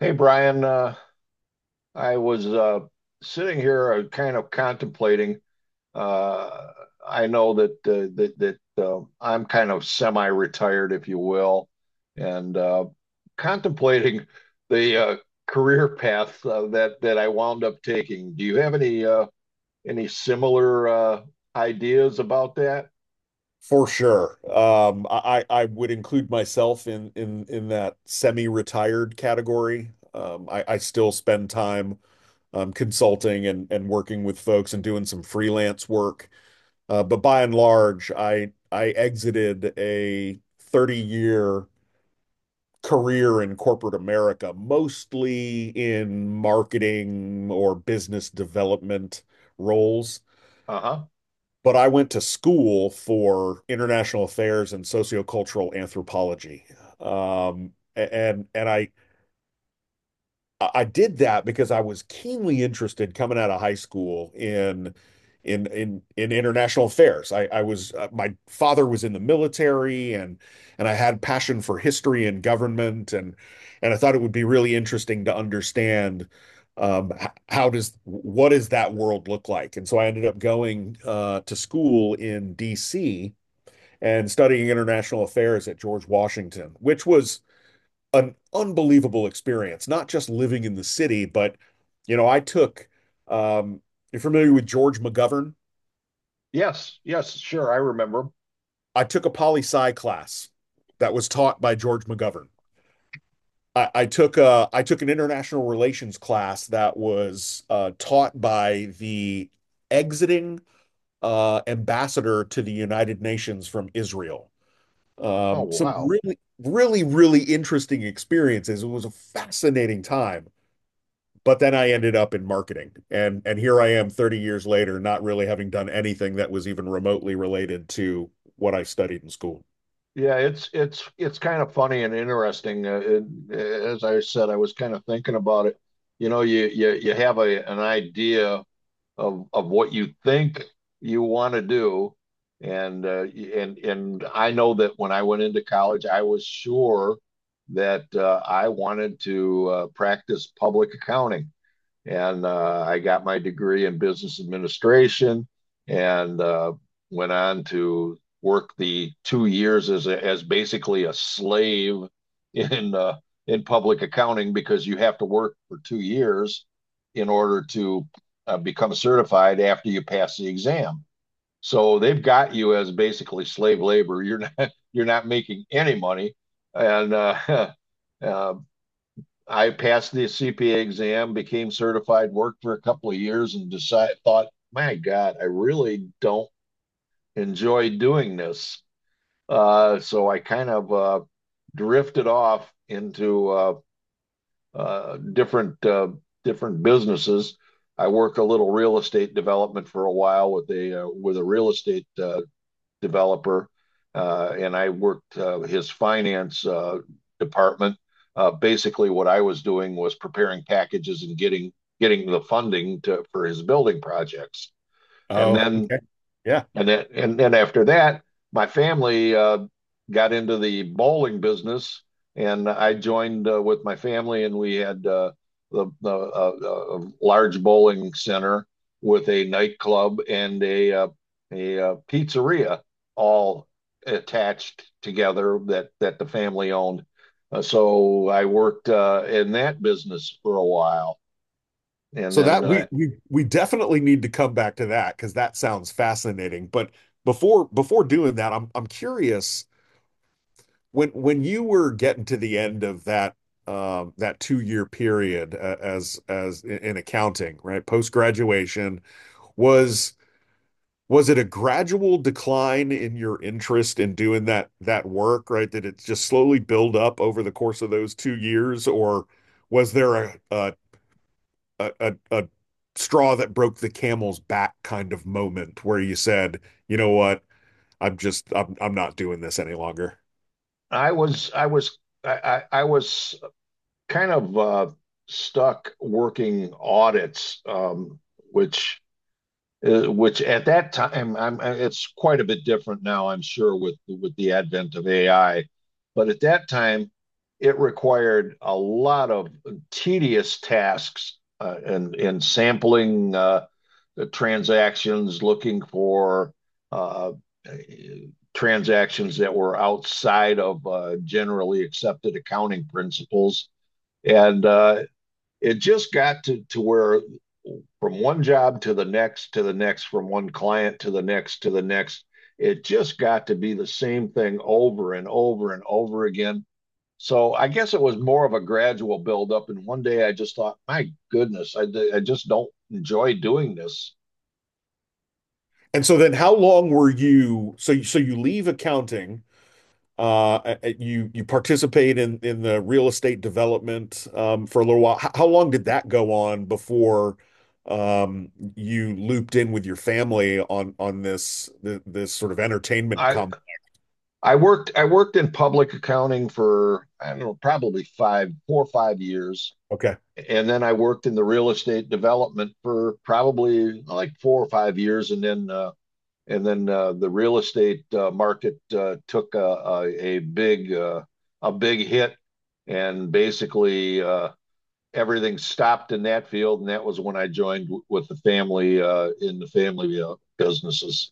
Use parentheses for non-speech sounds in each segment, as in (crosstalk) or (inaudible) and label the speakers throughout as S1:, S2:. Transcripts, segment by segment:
S1: Hey Brian, I was sitting here kind of contemplating. Uh, I know that I'm kind of semi-retired, if you will, and contemplating the career path that I wound up taking. Do you have any any similar ideas about that?
S2: For sure. I would include myself in in that semi-retired category. I still spend time consulting and working with folks and doing some freelance work. But by and large, I exited a 30-year career in corporate America, mostly in marketing or business development roles,
S1: Uh-huh.
S2: but I went to school for international affairs and sociocultural anthropology. And I did that because I was keenly interested coming out of high school in international affairs. I was my father was in the military, and I had passion for history and government, and I thought it would be really interesting to understand how does what does that world look like? And so I ended up going to school in D.C. and studying international affairs at George Washington, which was an unbelievable experience, not just living in the city. But you know, I took um you're familiar with George McGovern?
S1: Yes, yes, sure, I remember.
S2: I took a poli sci class that was taught by George McGovern. I took a, I took an international relations class that was taught by the exiting ambassador to the United Nations from Israel.
S1: Oh,
S2: Some
S1: wow.
S2: really, really, really interesting experiences. It was a fascinating time. But then I ended up in marketing, and here I am 30 years later, not really having done anything that was even remotely related to what I studied in school.
S1: Yeah, it's kind of funny and interesting. As I said, I was kind of thinking about it. You you have a an idea of what you think you want to do, and I know that when I went into college, I was sure that I wanted to practice public accounting. And I got my degree in business administration and went on to work the 2 years as basically a slave in in public accounting because you have to work for 2 years in order to become certified after you pass the exam. So they've got you as basically slave labor. You're not (laughs) you're not making any money, and (laughs) uh, I passed the CPA exam, became certified, worked for a couple of years, and decided thought, my God, I really don't enjoy doing this. So I kind of drifted off into uh, different uh, different businesses. I work a little real estate development for a while with a real estate developer, and I worked his finance department. Basically, what I was doing was preparing packages and getting the funding for his building projects. And
S2: Oh,
S1: then
S2: okay. Yeah.
S1: and then after that, my family got into the bowling business, and I joined with my family, and we had the large bowling center with a nightclub and a pizzeria all attached together that the family owned. So I worked in that business for a while, and
S2: So
S1: then
S2: that we definitely need to come back to that because that sounds fascinating. But before doing that, I'm curious when you were getting to the end of that that two-year period as in accounting, right? Post graduation, was was it a gradual decline in your interest in doing that that work, right? Did it just slowly build up over the course of those 2 years, or was there a straw that broke the camel's back kind of moment where you said, you know what, I'm just I'm not doing this any longer?
S1: I was I was I was kind of stuck working audits, which which at that time it's quite a bit different now, I'm sure, with the advent of AI. But at that time, it required a lot of tedious tasks and sampling the transactions, looking for uh, transactions that were outside of generally accepted accounting principles and it just got to where, from one job to the next, from one client to the next, it just got to be the same thing over and over and over again. So I guess it was more of a gradual buildup. And one day I just thought, my goodness, I just don't enjoy doing this.
S2: And so then how long were you so you, so you leave accounting. You you participate in the real estate development for a little while. How long did that go on before um, you looped in with your family on this this sort of entertainment
S1: I
S2: comp?
S1: I worked in public accounting for, I don't know, probably five four or 5 years,
S2: Okay.
S1: and then I worked in the real estate development for probably like 4 or 5 years, and then the real estate market took a big hit, and basically everything stopped in that field, and that was when I joined with the family in the family businesses.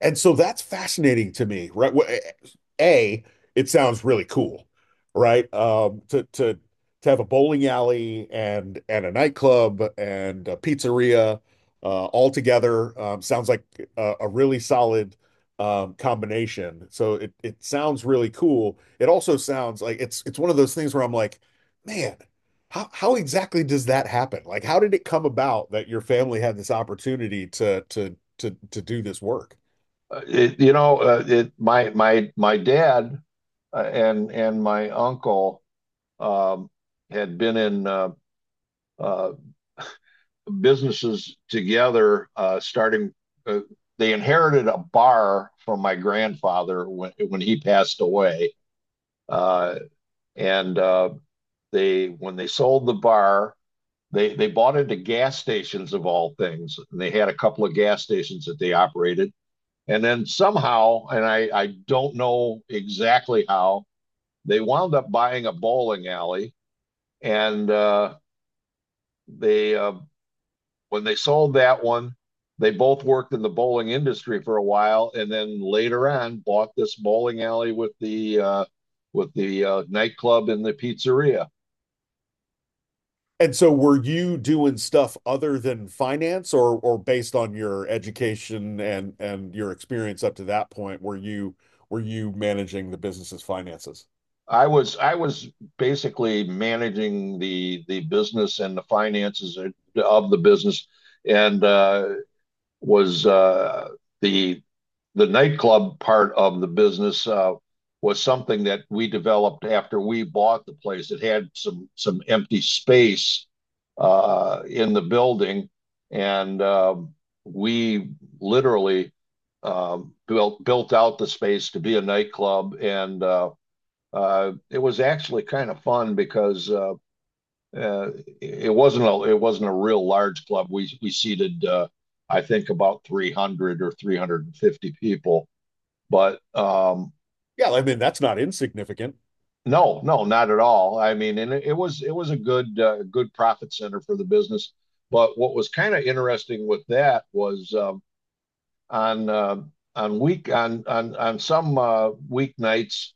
S2: And so that's fascinating to me, right? A, it sounds really cool, right? To to have a bowling alley and a nightclub and a pizzeria all together, sounds like a really solid combination. So it sounds really cool. It also sounds like it's one of those things where I'm like, man, how exactly does that happen? Like, how did it come about that your family had this opportunity to do this work?
S1: It, you know, it My dad and my uncle um, had been in uh, businesses together, starting. Uh, they inherited a bar from my grandfather when he passed away, uh, and they when they sold the bar, they bought into gas stations, of all things, and they had a couple of gas stations that they operated, and then somehow, and I don't know exactly how, they wound up buying a bowling alley, and they, when they sold that one, they both worked in the bowling industry for a while, and then later on bought this bowling alley with the nightclub and the pizzeria.
S2: And so were you doing stuff other than finance, or based on your education and your experience up to that point, were you managing the business's finances?
S1: I was basically managing the business and the finances of the business, and was the the nightclub part of the business was something that we developed after we bought the place. It had some empty space in the building, and we literally uh, built out the space to be a nightclub. And It was actually kind of fun because, uh, it wasn't a real large club. We seated, I think, about 300 or 350 people, but
S2: Yeah, I mean, that's not insignificant.
S1: no, no, not at all. I mean, and it was a good profit center for the business. But what was kind of interesting with that was, on uh, on some weeknights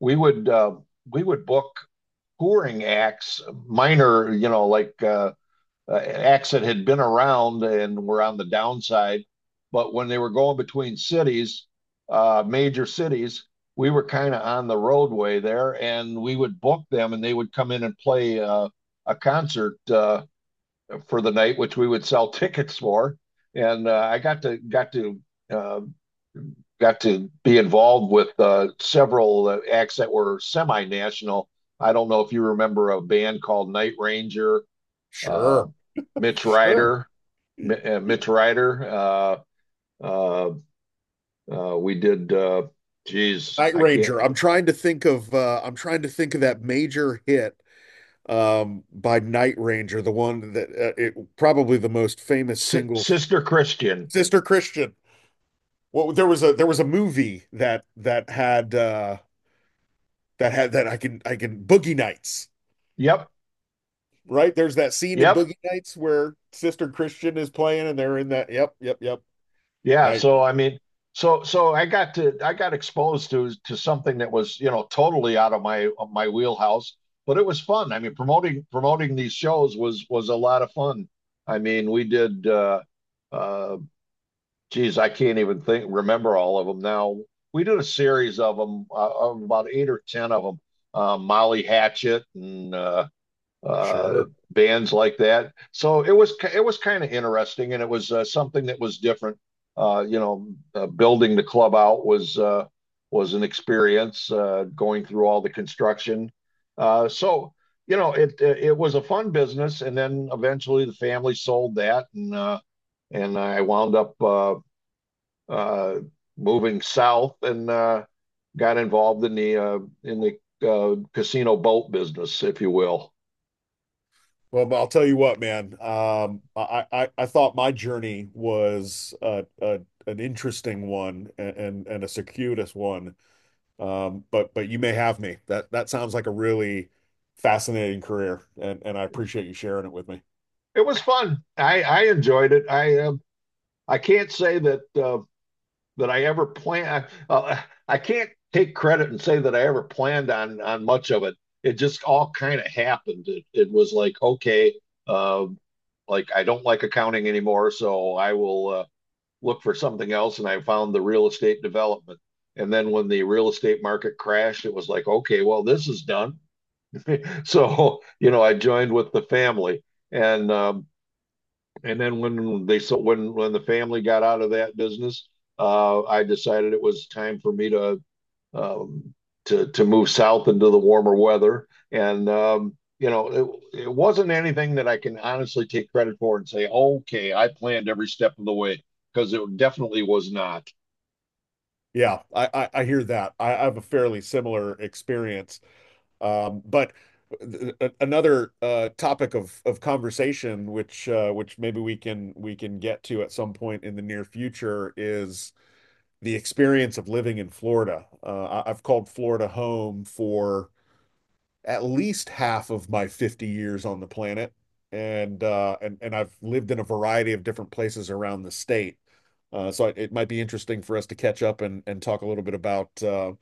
S1: we would, book touring acts, minor, like acts that had been around and were on the downside. But when they were going between cities, major cities, we were kind of on the roadway there, and we would book them, and they would come in and play a concert for the night, which we would sell (laughs) tickets for. And I got to got to uh, got to be involved with several acts that were semi-national. I don't know if you remember a band called Night Ranger, uh,
S2: Sure,
S1: Mitch
S2: sure.
S1: Ryder, Mitch Ryder. Uh, we did. Geez,
S2: Night
S1: I can't.
S2: Ranger. I'm trying to think of I'm trying to think of that major hit by Night Ranger, the one that it probably the most famous
S1: Si
S2: single.
S1: Sister Christian.
S2: Sister Christian. Well, there was a movie that that had that had that I can Boogie Nights,
S1: Yep.
S2: right? There's that scene in
S1: Yep.
S2: Boogie Nights where Sister Christian is playing and they're in that. Yep, yep, yep.
S1: Yeah.
S2: Night.
S1: So I mean, so I got exposed to something that was, totally out of my wheelhouse, but it was fun. I mean, promoting these shows was a lot of fun. I mean, we did. Uh, Geez, I can't even think, remember all of them now. We did a series of them, of about 8 or 10 of them, Molly Hatchet and uh,
S2: Sure.
S1: bands like that. So it was kind of interesting, and it was something that was different. Uh, you know, Building the club out was an experience, going through all the construction. So, it was a fun business. And then eventually the family sold that, and I wound up uh, moving south and got involved in the casino boat business, if you will.
S2: Well, but I'll tell you what, man. I thought my journey was an interesting one and a circuitous one. But you may have me. That that sounds like a really fascinating career, and I appreciate you sharing it with me.
S1: It was fun. I enjoyed it. I can't say that that I ever planned. I can't take credit and say that I ever planned on much of it. It just all kind of happened. It was like, okay, uh, like, I don't like accounting anymore, so I will. Look for something else, and I found the real estate development. And then when the real estate market crashed, it was like, okay, well, this is done. (laughs) So, I joined with the family. And um, and then when they when the family got out of that business, I decided it was time for me to um, move south into the warmer weather. And it wasn't anything that I can honestly take credit for and say, okay, I planned every step of the way, because it definitely was not.
S2: Yeah, I hear that. I have a fairly similar experience. But another topic of conversation, which maybe we can get to at some point in the near future, is the experience of living in Florida. I've called Florida home for at least half of my 50 years on the planet, and and I've lived in a variety of different places around the state. So it might be interesting for us to catch up and talk a little bit about uh,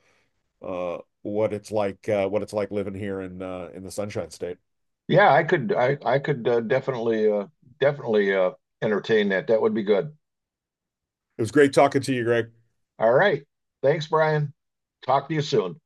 S2: uh, what it's like living here in the Sunshine State.
S1: Yeah, I could definitely entertain that. That would be good.
S2: It was great talking to you, Greg.
S1: All right. Thanks, Brian. Talk to you soon.